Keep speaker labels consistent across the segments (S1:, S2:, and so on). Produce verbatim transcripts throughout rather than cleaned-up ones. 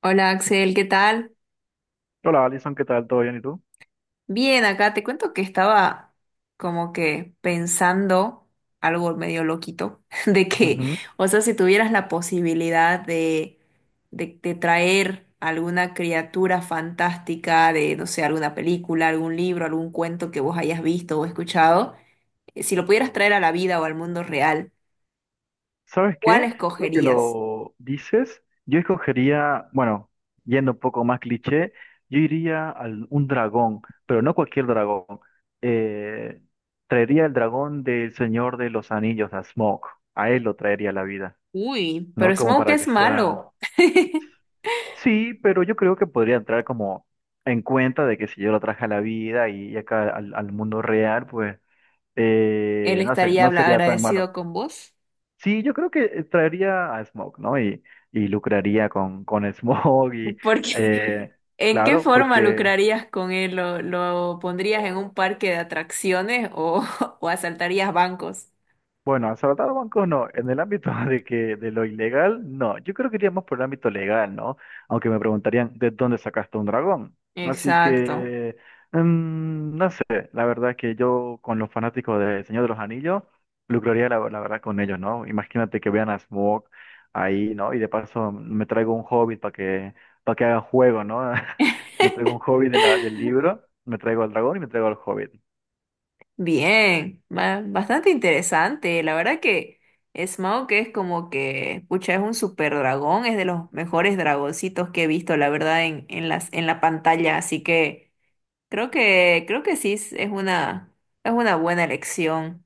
S1: Hola, Axel, ¿qué tal?
S2: Hola, Alison, ¿qué tal? ¿Todo bien? ¿Y tú?
S1: Bien, acá te cuento que estaba como que pensando algo medio loquito, de que,
S2: Ujú.
S1: o sea, si tuvieras la posibilidad de, de, de traer alguna criatura fantástica de, no sé, alguna película, algún libro, algún cuento que vos hayas visto o escuchado, eh, si lo pudieras traer a la vida o al mundo real,
S2: ¿Sabes
S1: ¿cuál
S2: qué? Creo que
S1: escogerías?
S2: lo dices. Yo escogería, bueno, yendo un poco más cliché, yo iría a un dragón, pero no cualquier dragón. Eh, Traería el dragón del Señor de los Anillos, a Smaug. A él lo traería a la vida,
S1: Uy, pero
S2: ¿no? Como
S1: Smoke
S2: para
S1: es
S2: que sea...
S1: malo.
S2: Sí, pero yo creo que podría entrar como en cuenta de que si yo lo traje a la vida y acá al, al mundo real, pues,
S1: Él
S2: eh, no sé,
S1: estaría
S2: no
S1: habla-
S2: sería tan malo.
S1: agradecido con vos.
S2: Sí, yo creo que eh, traería a Smoke, ¿no? Y, y lucraría con, con Smoke y,
S1: Porque
S2: eh,
S1: ¿En qué
S2: claro,
S1: forma
S2: porque
S1: lucrarías con él? ¿Lo, lo pondrías en un parque de atracciones o, o asaltarías bancos?
S2: bueno, asaltar bancos no, en el ámbito de que de lo ilegal, no. Yo creo que iríamos por el ámbito legal, ¿no? Aunque me preguntarían de dónde sacaste un dragón. Así
S1: Exacto.
S2: que, mm, no sé, la verdad que yo con los fanáticos de Señor de los Anillos, lucraría la, la verdad con ellos, ¿no? Imagínate que vean a Smaug ahí, ¿no? Y de paso mm, me traigo un hobbit para que, para que haga juego, ¿no? Me traigo un hobbit de la- del libro, me traigo al dragón y me traigo al hobbit.
S1: Bien, ba- bastante interesante. La verdad que Smaug es como que, pucha, es un super dragón, es de los mejores dragoncitos que he visto, la verdad, en, en las, en la pantalla. Así que creo que, creo que sí es es una, es una buena elección.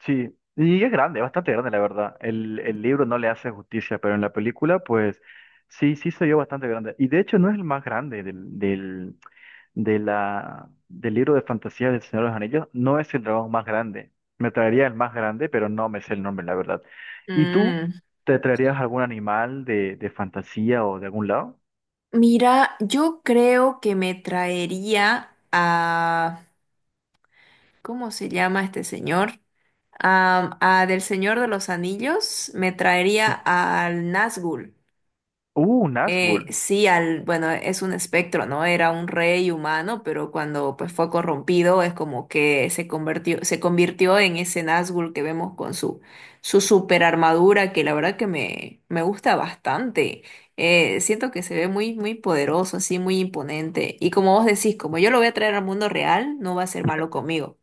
S2: Sí, y es grande, bastante grande, la verdad. El, el libro no le hace justicia, pero en la película, pues sí, sí se vio bastante grande. Y de hecho no es el más grande del, del, de la, del libro de fantasía del Señor de los Anillos, no es el dragón más grande. Me traería el más grande, pero no me sé el nombre, la verdad. ¿Y tú
S1: Mm,
S2: te traerías algún animal de, de fantasía o de algún lado?
S1: mira, yo creo que me traería a ¿cómo se llama este señor? Am, a del Señor de los Anillos me traería
S2: Sí.
S1: al Nazgûl.
S2: Uh, un Nazgûl.
S1: Eh, sí, al, bueno, es un espectro, ¿no? Era un rey humano, pero cuando pues fue corrompido es como que se convirtió, se convirtió en ese Nazgûl que vemos con su, su super armadura, que la verdad que me, me gusta bastante. Eh, siento que se ve muy, muy poderoso, así, muy imponente. Y como vos decís, como yo lo voy a traer al mundo real, no va a ser malo conmigo.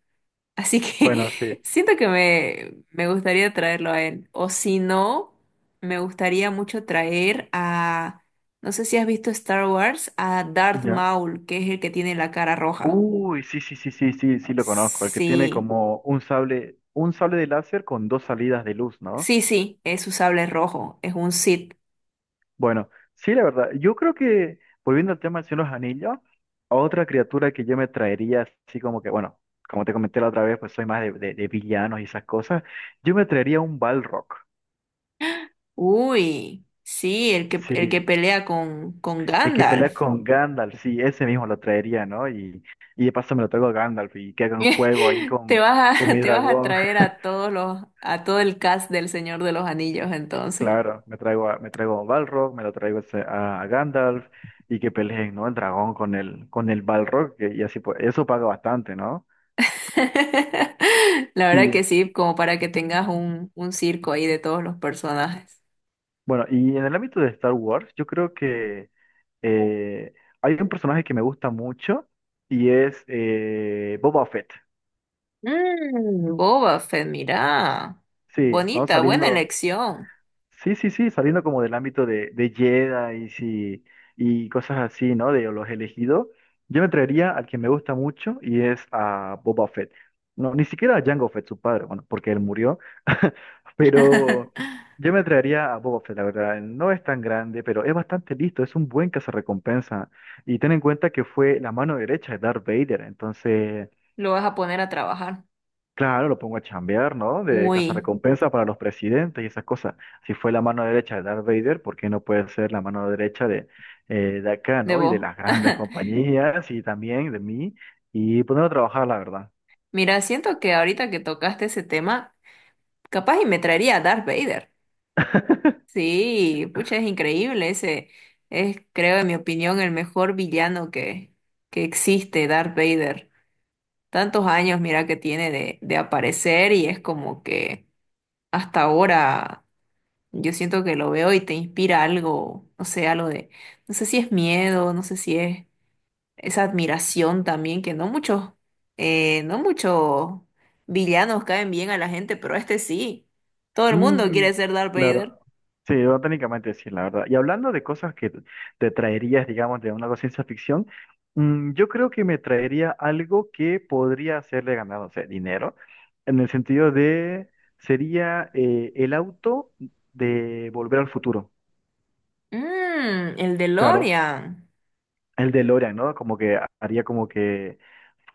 S1: Así que
S2: Bueno, sí.
S1: siento que me, me gustaría traerlo a él. O si no, me gustaría mucho traer a, no sé si has visto Star Wars, a Darth
S2: Ya.
S1: Maul, que es el que tiene la cara roja.
S2: Uy, sí, sí, sí, sí, sí, sí lo conozco. El que tiene
S1: Sí,
S2: como un sable, un sable de láser con dos salidas de luz, ¿no?
S1: sí, sí, es su sable rojo, es un Sith.
S2: Bueno, sí, la verdad. Yo creo que, volviendo al tema del Señor de los Anillos, otra criatura que yo me traería, así como que, bueno, como te comenté la otra vez, pues soy más de, de- de villanos y esas cosas. Yo me traería un Balrog.
S1: Uy, sí, el que,
S2: Sí,
S1: el que pelea con, con
S2: el que pelea
S1: Gandalf.
S2: con Gandalf, sí, ese mismo lo traería, ¿no? Y, y de paso me lo traigo a Gandalf y que haga un juego ahí
S1: Te
S2: con,
S1: vas
S2: con
S1: a,
S2: mi
S1: te vas a
S2: dragón.
S1: traer a todos los, a todo el cast del Señor de los Anillos entonces.
S2: Claro, me traigo a, me traigo a Balrog, me lo traigo ese- a, a Gandalf y que peleen, ¿no? El dragón con el, con el Balrog, que, y así pues, eso paga bastante, ¿no?
S1: La verdad que
S2: Sí.
S1: sí, como para que tengas un, un circo ahí de todos los personajes.
S2: Bueno, y en el ámbito de Star Wars, yo creo que eh, hay un personaje que me gusta mucho y es eh, Boba Fett.
S1: Mm, Boba Fett, mira.
S2: Sí, vamos
S1: Bonita, buena
S2: saliendo.
S1: elección.
S2: Sí, sí, sí, saliendo como del ámbito de, de Jedi y, y cosas así, ¿no? De los elegidos, yo me traería al que me gusta mucho y es a Boba Fett. No, ni siquiera a Jango Fett, su padre, bueno, porque él murió, pero yo me traería a Boba Fett, la verdad. No es tan grande, pero es bastante listo, es un buen cazarrecompensa. Y ten en cuenta que fue la mano derecha de Darth Vader, entonces
S1: Lo vas a poner a trabajar.
S2: claro, lo pongo a chambear, ¿no? De
S1: Uy,
S2: cazarrecompensas para los presidentes y esas cosas. Si fue la mano derecha de Darth Vader, ¿por qué no puede ser la mano derecha de, eh, de acá,
S1: de
S2: ¿no? Y de
S1: vos.
S2: las grandes compañías y también de mí y ponerlo a trabajar, la verdad.
S1: Mira, siento que ahorita que tocaste ese tema, capaz y me traería a Darth Vader. Sí, pucha, es increíble. Ese es, creo, en mi opinión, el mejor villano que, que existe, Darth Vader. Tantos años, mira, que tiene de, de aparecer y es como que hasta ahora yo siento que lo veo y te inspira algo, no sé, algo de, no sé si es miedo, no sé si es esa admiración también, que no muchos, eh, no muchos villanos caen bien a la gente, pero este sí. Todo el mundo
S2: Mm,
S1: quiere ser Darth Vader.
S2: claro. Sí, bueno, técnicamente sí, la verdad. Y hablando de cosas que te traerías, digamos, de una ciencia ficción, mm, yo creo que me traería algo que podría hacerle ganar, no sé, dinero, en el sentido de, sería eh, el auto de Volver al Futuro.
S1: Mmm, el
S2: Claro,
S1: DeLorean.
S2: el DeLorean, ¿no? Como que haría como que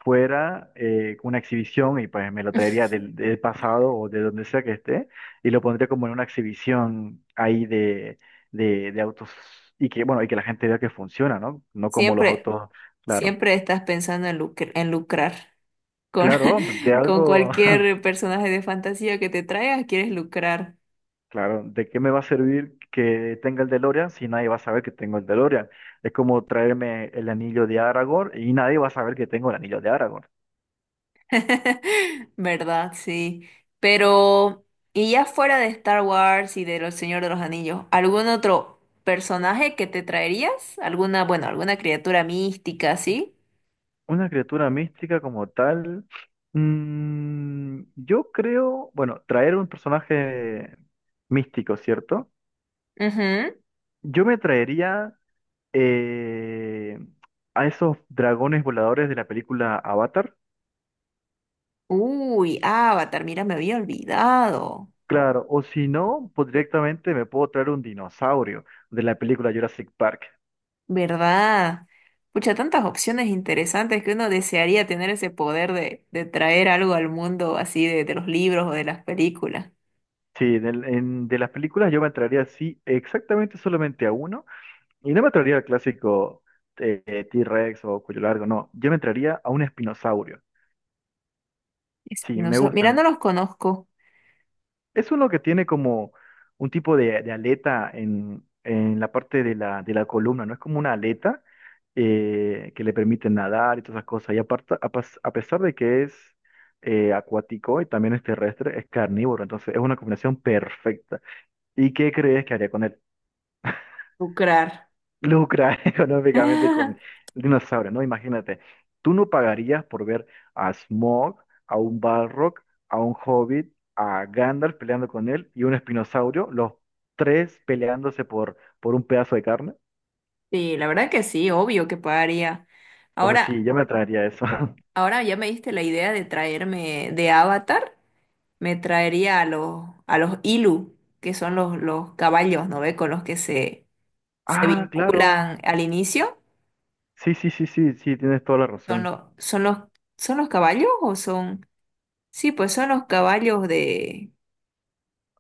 S2: fuera eh, una exhibición y pues me lo traería del, del pasado o de donde sea que esté y lo pondría como en una exhibición ahí de, de, de autos y que, bueno, y que la gente vea que funciona, ¿no? No como los
S1: Siempre,
S2: autos, claro.
S1: siempre estás pensando en lucr- en lucrar. Con,
S2: Claro, de
S1: con
S2: algo,
S1: cualquier personaje de fantasía que te traigas, quieres lucrar.
S2: claro, ¿de qué me va a servir que tenga el DeLorean si nadie va a saber que tengo el DeLorean? Es como traerme el anillo de Aragorn y nadie va a saber que tengo el anillo de Aragorn.
S1: ¿Verdad? Sí. Pero, y ya fuera de Star Wars y de Los Señor de los Anillos, ¿algún otro personaje que te traerías? ¿Alguna, bueno, alguna criatura mística, sí?
S2: Una criatura mística como tal. Mm, yo creo, bueno, traer un personaje místico, ¿cierto?
S1: Ujú.
S2: Yo me traería eh, a esos dragones voladores de la película Avatar.
S1: Uy, Avatar, mira, me había olvidado.
S2: Claro, o si no, pues directamente me puedo traer un dinosaurio de la película Jurassic Park.
S1: ¿Verdad? Pucha, tantas opciones interesantes que uno desearía tener ese poder de, de traer algo al mundo así de, de los libros o de las películas.
S2: Sí, del- en- de las películas yo me traería, sí, exactamente solamente a uno. Y no me traería el clásico eh, T-Rex o cuello largo, no. Yo me traería a un espinosaurio. Sí, me
S1: Espinosa, mira, no
S2: gustan.
S1: los conozco.
S2: Es uno que tiene como un tipo de, de aleta en, en la parte de la, de la columna, ¿no? Es como una aleta eh, que le permite nadar y todas esas cosas. Y aparte, a, pas- a pesar de que es eh, acuático y también es terrestre, es carnívoro. Entonces es una combinación perfecta. ¿Y qué crees que haría con él?
S1: Lucrar.
S2: Lucra económicamente con el dinosaurio, ¿no? Imagínate, tú no pagarías por ver a Smaug, a un Balrog, a un Hobbit, a Gandalf peleando con él y un espinosaurio, los tres peleándose por, por un pedazo de carne.
S1: Sí, la verdad que sí, obvio que pagaría.
S2: Entonces sí,
S1: Ahora,
S2: yo me atraería eso.
S1: ahora ya me diste la idea de traerme de Avatar, me traería a los, a los Ilu, que son los, los caballos, ¿no ve? Con los que se, se
S2: Ah, claro.
S1: vinculan al inicio.
S2: Sí, sí, sí, sí, sí, tienes toda la
S1: Son
S2: razón.
S1: los, son los, son los caballos o son, sí, pues son los caballos de,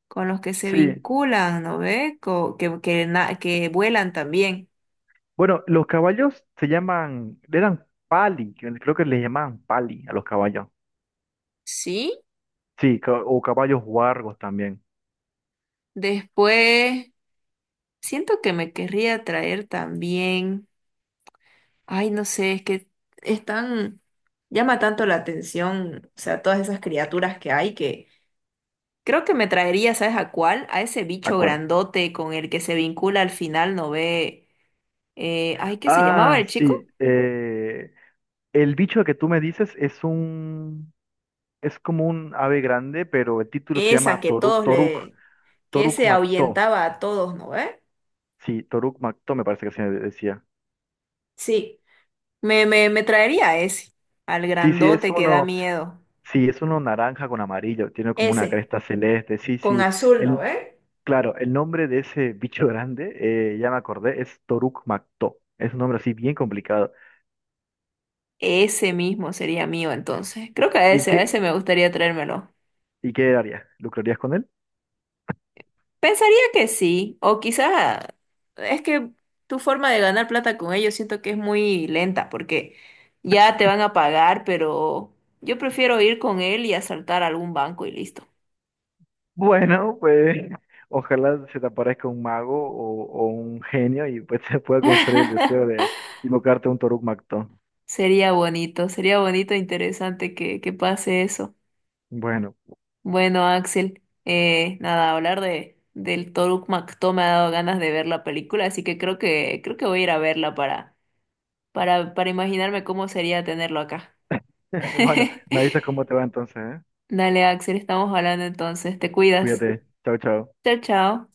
S1: con los que se
S2: Sí.
S1: vinculan, ¿no ve? Co- que, que, na- que vuelan también.
S2: Bueno, los caballos se llaman, eran pali, que creo que les llamaban pali a los caballos.
S1: Sí,
S2: Sí, ca- o caballos huargos también.
S1: después siento que me querría traer también, ay, no sé, es que están, llama tanto la atención, o sea, todas esas criaturas que hay que creo que me traería, ¿sabes a cuál? A ese
S2: De
S1: bicho
S2: acuerdo.
S1: grandote con el que se vincula al final, ¿no ve? Eh, ay, ¿qué se llamaba
S2: Ah,
S1: el chico?
S2: sí. Eh, el bicho que tú me dices es un, es como un ave grande, pero el título se
S1: Esa
S2: llama
S1: que
S2: Toruk,
S1: todos
S2: Toruk,
S1: le, que
S2: Toruk
S1: ese
S2: Mactó.
S1: ahuyentaba a todos, ¿no ve?
S2: Sí, Toruk Mactó me parece que se decía.
S1: Sí, me, me, me traería ese, al
S2: Sí, sí, es
S1: grandote que da
S2: uno,
S1: miedo.
S2: sí, es uno naranja con amarillo, tiene como una
S1: Ese,
S2: cresta celeste. Sí,
S1: con
S2: sí.
S1: azul, ¿no
S2: El,
S1: ve?
S2: claro, el nombre de ese bicho grande, eh, ya me acordé, es Toruk Mactó. Es un nombre así bien complicado.
S1: Ese mismo sería mío entonces. Creo que a
S2: ¿Y
S1: ese, a ese
S2: qué,
S1: me gustaría traérmelo.
S2: ¿y qué harías? ¿Lucrarías con él?
S1: Pensaría que sí, o quizás es que tu forma de ganar plata con ellos siento que es muy lenta porque ya te van a pagar, pero yo prefiero ir con él y asaltar algún banco y listo.
S2: Bueno, pues ojalá se te aparezca un mago o, o un genio y pues se pueda conceder el deseo de invocarte un Toruk Magto.
S1: Sería bonito, sería bonito e interesante que, que pase eso.
S2: Bueno,
S1: Bueno, Axel, eh, nada, hablar de del Toruk Makto me ha dado ganas de ver la película, así que creo que creo que voy a ir a verla para para para imaginarme cómo sería tenerlo acá.
S2: bueno, me avisas cómo te va entonces, ¿eh?
S1: Dale, Axel, estamos hablando entonces. Te cuidas.
S2: Cuídate. Chao, chao.
S1: Chao, chao.